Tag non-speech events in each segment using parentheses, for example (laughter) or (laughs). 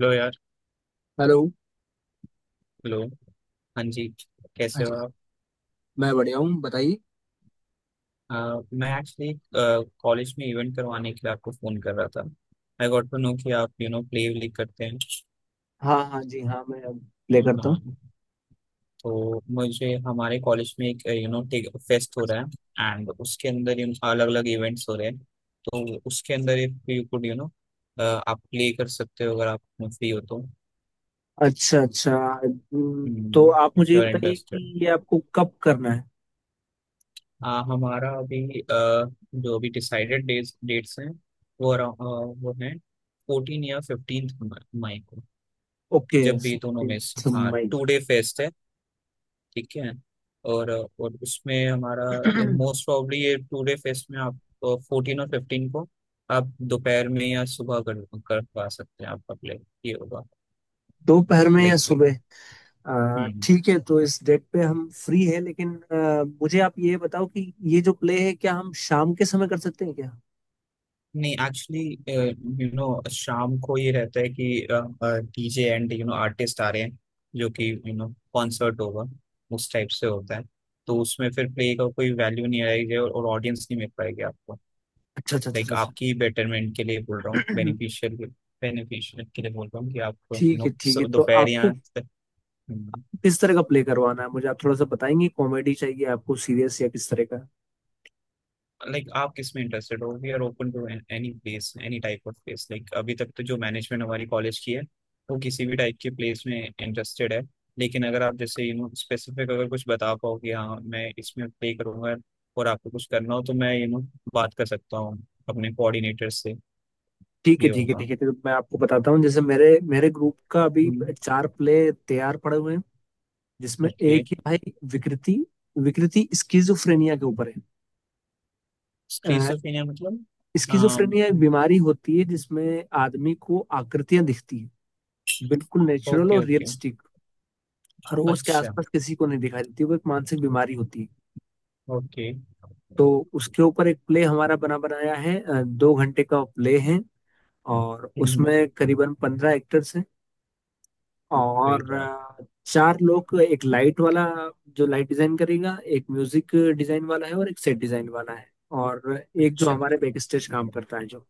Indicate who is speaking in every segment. Speaker 1: Hello यार।
Speaker 2: Hello.
Speaker 1: Hello. हाँ जी। कैसे हो
Speaker 2: अच्छा।
Speaker 1: आप?
Speaker 2: मैं बढ़िया हूँ, बताइए।
Speaker 1: अ, मैं एक्चुअली कॉलेज में इवेंट करवाने के लिए आपको फ़ोन कर रहा था। आई गॉट टू नो कि आप प्ले व्ले करते हैं।
Speaker 2: हाँ हाँ जी हाँ, मैं अब प्ले करता हूँ।
Speaker 1: हाँ। तो मुझे हमारे कॉलेज में एक फेस्ट हो रहा है एंड उसके अंदर अलग अलग इवेंट्स हो रहे हैं। तो उसके अंदर एक यू कुड आप प्ले कर सकते हो अगर आप फ्री हो तो,
Speaker 2: अच्छा अच्छा। हम्म, तो आप मुझे
Speaker 1: इफ
Speaker 2: ये
Speaker 1: यू आर
Speaker 2: बताइए
Speaker 1: इंटरेस्टेड।
Speaker 2: कि ये आपको कब करना है।
Speaker 1: हमारा अभी जो अभी डिसाइडेड डेट्स डेट्स हैं वो वो हैं फोर्टीन या फिफ्टींथ मई को।
Speaker 2: ओके
Speaker 1: जब भी दोनों में से,
Speaker 2: 15th
Speaker 1: हाँ,
Speaker 2: मई।
Speaker 1: टू डे फेस्ट है। ठीक है। और और उसमें हमारा
Speaker 2: (clears throat)
Speaker 1: मोस्ट प्रॉब्ली ये टू डे फेस्ट में आप फोर्टीन और फिफ्टीन को आप दोपहर में या सुबह कर पा सकते हैं आपका प्ले ये होगा।
Speaker 2: दोपहर में या
Speaker 1: लाइक।
Speaker 2: सुबह।
Speaker 1: हम्म।
Speaker 2: ठीक है, तो इस डेट पे हम फ्री है, लेकिन मुझे आप ये बताओ कि ये जो प्ले है क्या हम शाम के समय कर सकते हैं क्या।
Speaker 1: नहीं एक्चुअली यू नो शाम को ये रहता है कि डीजे एंड आर्टिस्ट आ रहे हैं जो कि कॉन्सर्ट होगा उस टाइप से होता है। तो उसमें फिर प्ले का कोई वैल्यू नहीं आएगी और ऑडियंस नहीं मिल पाएगी आपको।
Speaker 2: अच्छा अच्छा अच्छा
Speaker 1: लाइक
Speaker 2: अच्छा अच्छा।
Speaker 1: आपकी बेटरमेंट के लिए बोल रहा हूँ,
Speaker 2: (clears throat)
Speaker 1: बेनिफिशियल बेनिफिशियल के लिए बोल रहा हूँ कि आप
Speaker 2: ठीक है ठीक है, तो
Speaker 1: दोपहर
Speaker 2: आपको
Speaker 1: या।
Speaker 2: किस तरह का प्ले करवाना है, मुझे आप थोड़ा सा बताएंगे। कॉमेडी चाहिए आपको, सीरियस, या किस तरह का।
Speaker 1: लाइक आप किस में इंटरेस्टेड हो? We are open to any place any type of place. Like अभी तक तो जो मैनेजमेंट हमारी कॉलेज की है वो किसी भी टाइप के प्लेस में इंटरेस्टेड है। लेकिन अगर आप जैसे स्पेसिफिक अगर कुछ बता पाओ कि हाँ मैं इसमें प्ले करूंगा और आपको कुछ करना हो तो मैं बात कर सकता हूँ अपने कोऑर्डिनेटर से।
Speaker 2: ठीक है
Speaker 1: ये
Speaker 2: ठीक है
Speaker 1: होगा।
Speaker 2: ठीक है, तो मैं आपको बताता हूँ। जैसे मेरे मेरे ग्रुप का अभी चार प्ले तैयार पड़े हुए हैं, जिसमें
Speaker 1: ओके।
Speaker 2: एक ही भाई विकृति। विकृति स्किजोफ्रेनिया के ऊपर है।
Speaker 1: स्किज़ोफ्रेनिया मतलब?
Speaker 2: स्किजोफ्रेनिया एक बीमारी होती है जिसमें आदमी को आकृतियां दिखती है, बिल्कुल नेचुरल
Speaker 1: ओके
Speaker 2: और
Speaker 1: ओके।
Speaker 2: रियलिस्टिक। रोज के
Speaker 1: अच्छा।
Speaker 2: आसपास किसी को नहीं दिखाई देती, वो एक मानसिक बीमारी होती है।
Speaker 1: ओके।
Speaker 2: तो उसके ऊपर एक प्ले हमारा बना बनाया है, दो घंटे का प्ले है और उसमें करीबन पंद्रह एक्टर्स हैं
Speaker 1: ग्रेट।
Speaker 2: और चार लोग। एक लाइट वाला जो लाइट डिजाइन करेगा, एक म्यूजिक डिजाइन वाला है, और एक सेट डिजाइन वाला है और एक जो
Speaker 1: अच्छा।
Speaker 2: हमारे बैक स्टेज काम करता है जो।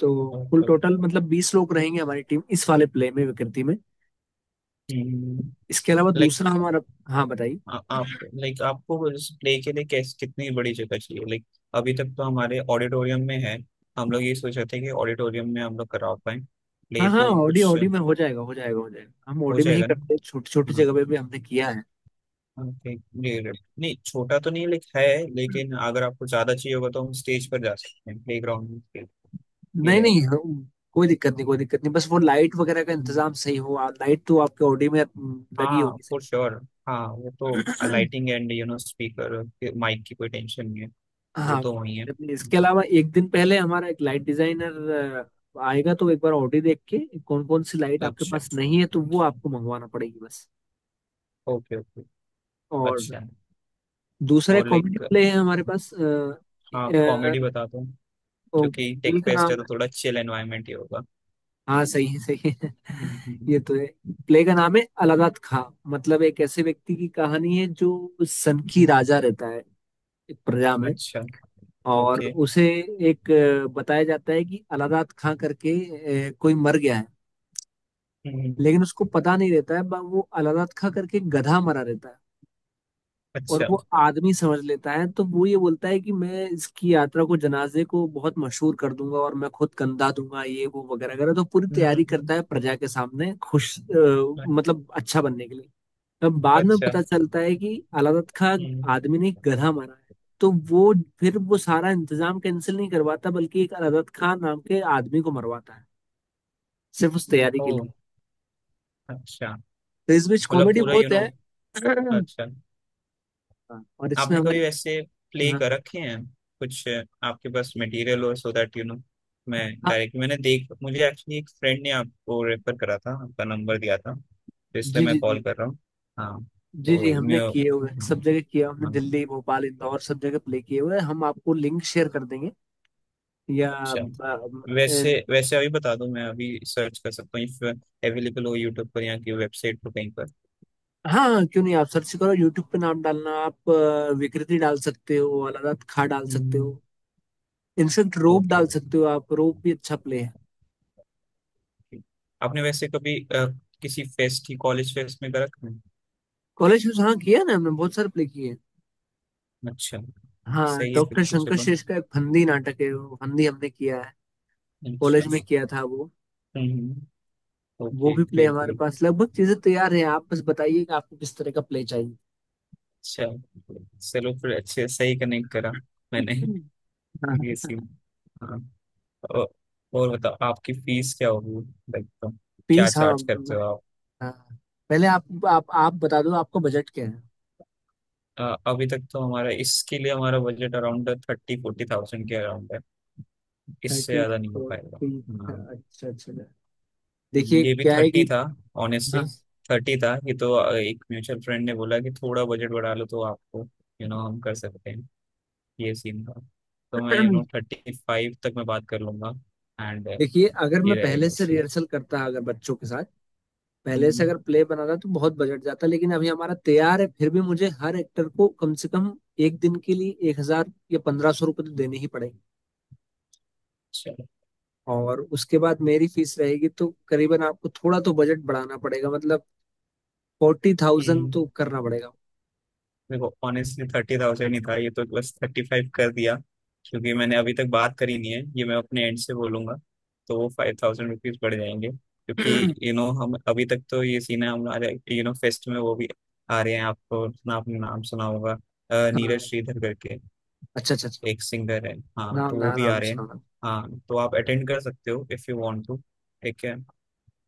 Speaker 2: तो कुल
Speaker 1: ओके।
Speaker 2: टोटल मतलब बीस लोग रहेंगे हमारी टीम, इस वाले प्ले में, विकृति में। इसके अलावा
Speaker 1: लाइक
Speaker 2: दूसरा हमारा। हाँ बताइए।
Speaker 1: आप लाइक आपको इस प्ले के लिए कैस कितनी बड़ी जगह चाहिए? लाइक अभी तक तो हमारे ऑडिटोरियम में है। हम लोग ये सोच रहे थे कि ऑडिटोरियम में हम लोग करा पाए
Speaker 2: हाँ
Speaker 1: प्ले
Speaker 2: हाँ,
Speaker 1: तो
Speaker 2: ऑडी
Speaker 1: कुछ
Speaker 2: ऑडी में हो जाएगा, हो जाएगा हो जाएगा। हम
Speaker 1: हो
Speaker 2: ऑडी में ही
Speaker 1: जाएगा ना?
Speaker 2: करते हैं, छोटी छोटी
Speaker 1: हाँ।
Speaker 2: जगह पे भी हमने किया है।
Speaker 1: हाँ, ठीक ये रहे। नहीं छोटा तो नहीं लाइक है,
Speaker 2: हम्म।
Speaker 1: लेकिन अगर आपको ज्यादा चाहिए होगा तो हम स्टेज पर जा सकते हैं, प्ले ग्राउंड में खेल- ये
Speaker 2: नहीं नहीं,
Speaker 1: रहेगा।
Speaker 2: कोई दिक्कत नहीं, कोई दिक्कत नहीं। बस वो लाइट वगैरह का
Speaker 1: हम्म,
Speaker 2: इंतजाम सही हो। लाइट तो आपके ऑडी में लगी
Speaker 1: हाँ
Speaker 2: होगी।
Speaker 1: For sure. हाँ वो तो
Speaker 2: सही।
Speaker 1: लाइटिंग एंड स्पीकर माइक की कोई टेंशन नहीं है। वो
Speaker 2: हाँ,
Speaker 1: तो वही है
Speaker 2: करनी है। इसके
Speaker 1: हाँ।
Speaker 2: अलावा एक दिन पहले हमारा एक लाइट डिजाइनर आएगा, तो एक बार ऑडी देख के कौन कौन सी लाइट आपके
Speaker 1: अच्छा
Speaker 2: पास नहीं है, तो वो आपको मंगवाना पड़ेगी बस।
Speaker 1: Okay okay.
Speaker 2: और
Speaker 1: अच्छा।
Speaker 2: दूसरा
Speaker 1: और
Speaker 2: कॉमेडी
Speaker 1: लाइक,
Speaker 2: प्ले है हमारे पास।
Speaker 1: हाँ
Speaker 2: अ,
Speaker 1: कॉमेडी बता दो
Speaker 2: ओ,
Speaker 1: क्योंकि टेक
Speaker 2: प्ले का
Speaker 1: फेस्ट
Speaker 2: नाम
Speaker 1: है तो
Speaker 2: है।
Speaker 1: थोड़ा चिल एनवायरनमेंट ही होगा।
Speaker 2: हाँ सही है सही है। (laughs)
Speaker 1: हम्म, हम्म,
Speaker 2: ये तो है। प्ले का नाम है अलादात खां। मतलब एक ऐसे व्यक्ति की कहानी है जो सन की
Speaker 1: हम्म।
Speaker 2: राजा रहता है एक प्रजा में,
Speaker 1: अच्छा।
Speaker 2: और
Speaker 1: ओके।
Speaker 2: उसे एक बताया जाता है कि अलादात खां करके कोई मर गया है।
Speaker 1: हम्म।
Speaker 2: लेकिन उसको पता नहीं रहता है, वो अलादत खा करके गधा मरा रहता है। और
Speaker 1: अच्छा।
Speaker 2: वो आदमी समझ लेता है, तो वो ये बोलता है कि मैं इसकी यात्रा को, जनाजे को बहुत मशहूर कर दूंगा, और मैं खुद कंधा दूंगा, ये वो वगैरह वगैरह। तो पूरी तैयारी
Speaker 1: हम्म।
Speaker 2: करता है प्रजा के सामने खुश, मतलब अच्छा बनने के लिए। तब बाद में
Speaker 1: अच्छा।
Speaker 2: पता चलता है कि अलादत खां
Speaker 1: हम्म।
Speaker 2: आदमी ने गधा मारा है। तो वो फिर वो सारा इंतजाम कैंसिल नहीं करवाता, बल्कि एक अलादत खां नाम के आदमी को मरवाता है, सिर्फ उस तैयारी के
Speaker 1: ओ,
Speaker 2: लिए।
Speaker 1: अच्छा।
Speaker 2: तो इस बीच
Speaker 1: मतलब
Speaker 2: कॉमेडी
Speaker 1: पूरा
Speaker 2: बहुत है। (clears throat)
Speaker 1: अच्छा,
Speaker 2: हाँ, और इसमें
Speaker 1: आपने
Speaker 2: हमारे।
Speaker 1: कभी वैसे प्ले
Speaker 2: हाँ
Speaker 1: कर
Speaker 2: हाँ।
Speaker 1: रखे हैं कुछ? आपके पास मटेरियल हो सो दैट मैं
Speaker 2: हाँ,
Speaker 1: डायरेक्ट मैंने देख, मुझे एक्चुअली एक फ्रेंड ने आपको रेफर करा था, आपका नंबर दिया था तो इसलिए
Speaker 2: जी जी
Speaker 1: मैं कॉल
Speaker 2: जी।
Speaker 1: कर रहा हूँ। हाँ
Speaker 2: जी जी,
Speaker 1: तो मैं,
Speaker 2: हमने किए हुए हैं,
Speaker 1: हाँ,
Speaker 2: सब जगह किया हमने,
Speaker 1: हाँ,
Speaker 2: दिल्ली भोपाल इंदौर सब जगह प्ले किए हुए हैं हम। आपको लिंक
Speaker 1: अच्छा।
Speaker 2: शेयर कर देंगे, या अ,
Speaker 1: वैसे वैसे अभी बता दो, मैं अभी सर्च कर सकता हूँ इफ अवेलेबल हो यूट्यूब पर या की वेबसाइट पर कहीं पर।
Speaker 2: हाँ हाँ, क्यों नहीं। आप सर्च करो यूट्यूब पे, नाम डालना आप, विकृति डाल सकते हो, अलारात खा डाल सकते हो।
Speaker 1: हम्म।
Speaker 2: इनफेक्ट रोप
Speaker 1: ओके
Speaker 2: डाल
Speaker 1: ओके।
Speaker 2: सकते हो, आप रोप भी अच्छा प्ले है।
Speaker 1: आपने वैसे कभी किसी फेस्ट ही कॉलेज फेस्ट में कर रखा है?
Speaker 2: कॉलेज में, हाँ किया है ना, हमने बहुत सारे प्ले किए हैं।
Speaker 1: अच्छा।
Speaker 2: हाँ,
Speaker 1: सही है फिर
Speaker 2: डॉक्टर
Speaker 1: तो,
Speaker 2: शंकर
Speaker 1: चलो।
Speaker 2: शेष का एक फंदी नाटक है, वो फंदी हमने किया है
Speaker 1: अच्छा।
Speaker 2: कॉलेज में, किया था वो।
Speaker 1: हम्म।
Speaker 2: वो
Speaker 1: ओके
Speaker 2: भी प्ले
Speaker 1: ग्रेट
Speaker 2: हमारे पास
Speaker 1: ग्रेट।
Speaker 2: लगभग चीजें तैयार हैं। आप बस बताइए कि आपको किस तरह का प्ले चाहिए।
Speaker 1: अच्छा। चलो फिर अच्छे सही कनेक्ट करा मैंने, ये
Speaker 2: हाँ,
Speaker 1: सीन। हाँ। और, और बताओ आपकी फीस क्या होगी? लाइक क्या
Speaker 2: पीस, हाँ
Speaker 1: चार्ज करते
Speaker 2: मैं,
Speaker 1: हो आप?
Speaker 2: हाँ, पहले आप बता दो, आपका बजट क्या है।
Speaker 1: अभी तक तो हमारा इसके लिए हमारा budget around thirty forty thousand के अराउंड है, इससे
Speaker 2: थर्टी
Speaker 1: ज्यादा नहीं हो पाएगा।
Speaker 2: फोर्टी।
Speaker 1: हाँ।
Speaker 2: अच्छा अच्छा। देखिए
Speaker 1: ये भी
Speaker 2: क्या है कि,
Speaker 1: थर्टी था ऑनेस्टली,
Speaker 2: हाँ,
Speaker 1: थर्टी था ये तो। एक म्यूचुअल फ्रेंड ने बोला कि थोड़ा बजट बढ़ा लो तो आपको हम कर सकते हैं ये सीन था। तो मैं थर्टी फाइव तक मैं बात कर लूंगा एंड,
Speaker 2: देखिए अगर
Speaker 1: ये
Speaker 2: मैं पहले
Speaker 1: रहेगा
Speaker 2: से
Speaker 1: सीन।
Speaker 2: रिहर्सल करता, अगर बच्चों के साथ पहले से
Speaker 1: हम्म।
Speaker 2: अगर प्ले बनाता तो बहुत बजट जाता। लेकिन अभी हमारा तैयार है, फिर भी मुझे हर एक्टर को कम से कम एक दिन के लिए एक हजार या पंद्रह सौ रुपये तो देने ही पड़ेंगे।
Speaker 1: चलो।
Speaker 2: और उसके बाद मेरी फीस रहेगी, तो करीबन आपको थोड़ा तो बजट बढ़ाना पड़ेगा, मतलब फोर्टी थाउजेंड
Speaker 1: हम्म।
Speaker 2: तो करना पड़ेगा।
Speaker 1: देखो ऑनेस्टली थर्टी थाउजेंड ही था ये तो, बस थर्टी फाइव कर दिया क्योंकि मैंने अभी तक बात करी नहीं है, ये मैं अपने एंड से बोलूंगा तो वो फाइव थाउजेंड रुपीज बढ़ जाएंगे क्योंकि
Speaker 2: (clears throat)
Speaker 1: हम अभी तक तो ये सीन है हमारे फेस्ट में वो भी आ रहे हैं, आपको ना आपने नाम सुना होगा,
Speaker 2: हाँ,
Speaker 1: नीरज श्रीधर करके
Speaker 2: अच्छा अच्छा अच्छा।
Speaker 1: एक सिंगर है। हाँ तो
Speaker 2: नाम,
Speaker 1: वो
Speaker 2: हाँ
Speaker 1: भी आ
Speaker 2: नाम
Speaker 1: रहे हैं,
Speaker 2: सुना।
Speaker 1: हाँ तो आप अटेंड कर सकते हो इफ यू वांट टू। ठीक है।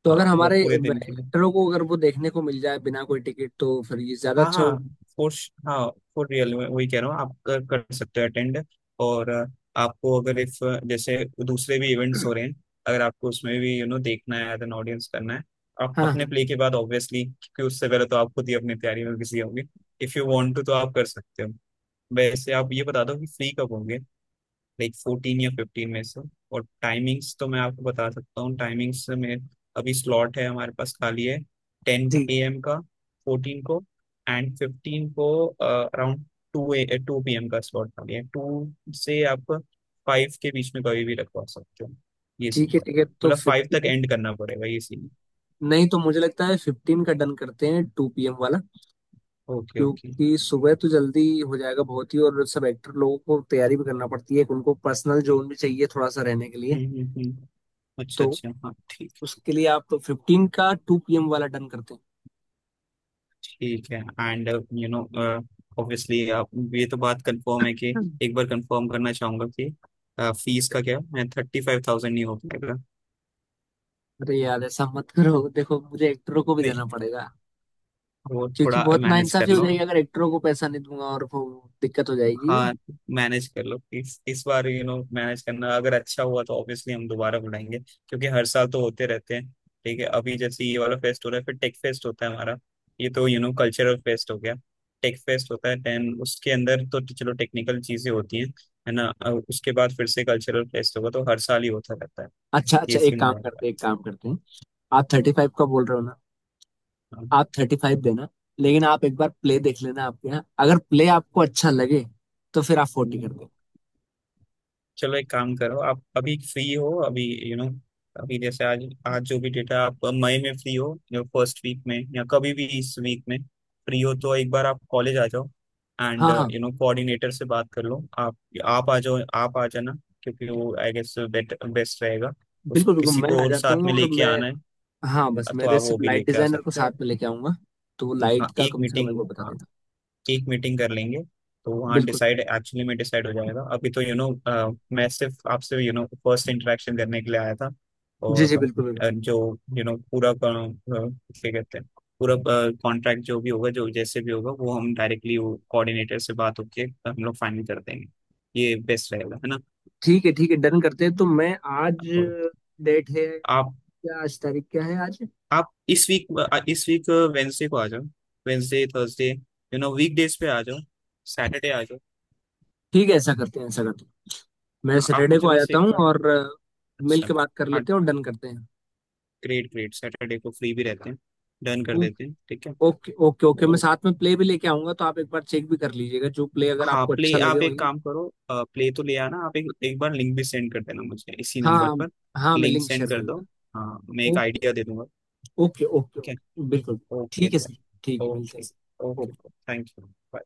Speaker 2: तो
Speaker 1: हाँ
Speaker 2: अगर
Speaker 1: वो
Speaker 2: हमारे
Speaker 1: पूरे दिन के लिए,
Speaker 2: एक्टरों को अगर वो देखने को मिल जाए बिना कोई टिकट, तो फिर ये ज्यादा
Speaker 1: हाँ
Speaker 2: अच्छा
Speaker 1: हाँ,
Speaker 2: हो।
Speaker 1: फॉर, हाँ फॉर रियल में वही कह रहा हूँ आप कर सकते हो अटेंड। और आपको अगर इफ जैसे दूसरे भी इवेंट्स हो
Speaker 2: (clears throat)
Speaker 1: रहे हैं अगर आपको उसमें भी देखना है एज एन ऑडियंस करना है आप
Speaker 2: हाँ
Speaker 1: अपने
Speaker 2: हाँ
Speaker 1: प्ले के बाद ऑब्वियसली क्योंकि उससे पहले तो आप खुद ही अपनी तैयारी में बिजी होंगे। इफ यू वांट टू तो आप कर सकते हो। वैसे आप ये बता दो कि फ्री कब होंगे लाइक फोर्टीन या फिफ्टीन में से। और टाइमिंग्स तो मैं आपको बता सकता हूँ, टाइमिंग्स में अभी स्लॉट है हमारे पास खाली है टेन
Speaker 2: जी।
Speaker 1: ए एम का फोर्टीन को एंड फिफ्टीन को around two A two P M का स्लॉट खाली है। टू से आप फाइव के बीच में कभी भी रखवा सकते हो, ये
Speaker 2: ठीक
Speaker 1: सीन
Speaker 2: है,
Speaker 1: पड़ता है,
Speaker 2: टिकट तो
Speaker 1: मतलब फाइव तक
Speaker 2: फिफ्टीन,
Speaker 1: एंड करना पड़ेगा ये सीन।
Speaker 2: नहीं तो मुझे लगता है फिफ्टीन का डन करते हैं, टू पीएम वाला।
Speaker 1: Okay okay.
Speaker 2: क्योंकि सुबह तो जल्दी हो जाएगा बहुत ही, और सब एक्टर लोगों को तैयारी भी करना पड़ती है, उनको पर्सनल जोन भी चाहिए थोड़ा सा रहने के लिए।
Speaker 1: हम्म। अच्छा
Speaker 2: तो
Speaker 1: अच्छा हाँ ठीक।
Speaker 2: उसके लिए आप, तो फिफ्टीन का टू पीएम वाला डन करते हैं।
Speaker 1: ठीक है एंड यू नो ऑब्वियसली आप, ये तो बात कंफर्म है कि,
Speaker 2: हम्म।
Speaker 1: एक बार कंफर्म करना चाहूंगा कि फीस का क्या? मैं थर्टी फाइव थाउजेंड, नहीं हो पाएगा?
Speaker 2: अरे यार, ऐसा मत करो, देखो मुझे एक्टरों को भी
Speaker 1: नहीं
Speaker 2: देना पड़ेगा,
Speaker 1: वो
Speaker 2: क्योंकि
Speaker 1: थोड़ा
Speaker 2: बहुत
Speaker 1: मैनेज कर
Speaker 2: नाइंसाफी हो
Speaker 1: लो।
Speaker 2: जाएगी अगर एक्टरों को पैसा नहीं दूंगा, और वो दिक्कत हो जाएगी।
Speaker 1: हाँ मैनेज कर लो इस बार, मैनेज करना अगर अच्छा हुआ तो ऑब्वियसली हम दोबारा बुलाएंगे क्योंकि हर साल तो होते रहते हैं। ठीक है, अभी जैसे ये वाला फेस्ट हो रहा है फिर टेक फेस्ट होता है हमारा, ये तो कल्चरल फेस्ट हो गया, टेक फेस्ट होता है देन उसके अंदर तो चलो टेक्निकल चीजें होती हैं है ना, और उसके बाद फिर से कल्चरल फेस्ट होगा तो हर साल ही होता रहता है,
Speaker 2: अच्छा अच्छा,
Speaker 1: ये
Speaker 2: एक
Speaker 1: सीन
Speaker 2: काम
Speaker 1: रहेगा।
Speaker 2: करते हैं, एक काम करते हैं। आप थर्टी फाइव का बोल रहे हो ना, आप थर्टी फाइव देना, लेकिन आप एक बार प्ले देख लेना। आपके यहाँ अगर प्ले आपको अच्छा लगे, तो फिर आप फोर्टी कर
Speaker 1: हाँ।
Speaker 2: दो।
Speaker 1: चलो एक काम करो आप अभी फ्री हो अभी, यू you नो know, अभी जैसे आज आज जो भी डेटा आप मई में फ्री हो या फर्स्ट वीक में या कभी भी इस वीक में फ्री हो तो एक बार आप कॉलेज आ जाओ एंड
Speaker 2: हाँ हाँ,
Speaker 1: कोऑर्डिनेटर से बात कर लो। आप आ जाओ, आप आ जाना क्योंकि वो आई गेस बेट बेस्ट रहेगा। उस
Speaker 2: बिल्कुल बिल्कुल,
Speaker 1: किसी
Speaker 2: मैं
Speaker 1: को
Speaker 2: आ
Speaker 1: और
Speaker 2: जाता
Speaker 1: साथ में
Speaker 2: हूँ। और
Speaker 1: लेके
Speaker 2: मैं,
Speaker 1: आना है
Speaker 2: हाँ, बस
Speaker 1: तो
Speaker 2: मेरे
Speaker 1: आप वो
Speaker 2: सिर्फ
Speaker 1: भी
Speaker 2: लाइट
Speaker 1: लेके आ
Speaker 2: डिजाइनर को
Speaker 1: सकते हो।
Speaker 2: साथ में लेके आऊंगा, तो लाइट
Speaker 1: हाँ
Speaker 2: का
Speaker 1: एक
Speaker 2: कम से कम एक
Speaker 1: मीटिंग,
Speaker 2: बार बता
Speaker 1: हाँ
Speaker 2: देना।
Speaker 1: एक मीटिंग कर लेंगे तो वहाँ
Speaker 2: बिल्कुल,
Speaker 1: डिसाइड एक्चुअली में डिसाइड हो जाएगा अभी तो, यू you नो मैं सिर्फ आपसे फर्स्ट इंटरेक्शन करने के लिए आया था।
Speaker 2: जी जी,
Speaker 1: और
Speaker 2: बिल्कुल बिल्कुल।
Speaker 1: जो यू you नो पूरा क्या कहते हैं, पूरा कॉन्ट्रैक्ट जो भी होगा, जो जैसे भी होगा वो हम डायरेक्टली वो कोऑर्डिनेटर से बात होके हम लोग फाइनल कर देंगे, ये बेस्ट रहेगा है ना।
Speaker 2: ठीक है ठीक है, डन करते हैं। तो मैं आज,
Speaker 1: और
Speaker 2: डेट है
Speaker 1: आप
Speaker 2: क्या, आज तारीख क्या है आज।
Speaker 1: आप इस वीक, इस वीक वेंसडे को आ जाओ, वेंसडे थर्सडे वीक डेज पे आ जाओ, सैटरडे आ जाओ।
Speaker 2: ठीक है, ऐसा करते हैं, ऐसा करते हैं, मैं
Speaker 1: आप
Speaker 2: सैटरडे को
Speaker 1: मुझे
Speaker 2: आ
Speaker 1: बस
Speaker 2: जाता
Speaker 1: एक
Speaker 2: हूँ
Speaker 1: बार,
Speaker 2: और मिल
Speaker 1: अच्छा,
Speaker 2: के बात कर
Speaker 1: हाँ,
Speaker 2: लेते हैं और डन करते हैं।
Speaker 1: ग्रेट ग्रेट, सैटरडे को फ्री भी रहते हैं, डन कर
Speaker 2: ओ-
Speaker 1: देते हैं ठीक है?
Speaker 2: ओके ओके ओके, मैं
Speaker 1: तो
Speaker 2: साथ में प्ले भी लेके आऊंगा, तो आप एक बार चेक भी कर लीजिएगा, जो प्ले अगर
Speaker 1: हाँ
Speaker 2: आपको
Speaker 1: प्ले,
Speaker 2: अच्छा लगे
Speaker 1: आप एक
Speaker 2: वही।
Speaker 1: काम करो प्ले तो ले आना, आप एक एक बार लिंक भी सेंड कर देना मुझे इसी नंबर
Speaker 2: हाँ
Speaker 1: पर,
Speaker 2: हाँ, मैं
Speaker 1: लिंक
Speaker 2: लिंक
Speaker 1: सेंड
Speaker 2: शेयर कर
Speaker 1: कर दो,
Speaker 2: दूंगा।
Speaker 1: हाँ मैं एक
Speaker 2: ओके
Speaker 1: आइडिया दे दूंगा।
Speaker 2: ओके ओके
Speaker 1: ठीक
Speaker 2: ओके बिल्कुल।
Speaker 1: है। ओके
Speaker 2: ठीक है
Speaker 1: तो,
Speaker 2: सर, ठीक है मिलते हैं
Speaker 1: okay,
Speaker 2: sir.
Speaker 1: Okay
Speaker 2: okay.
Speaker 1: Thank you.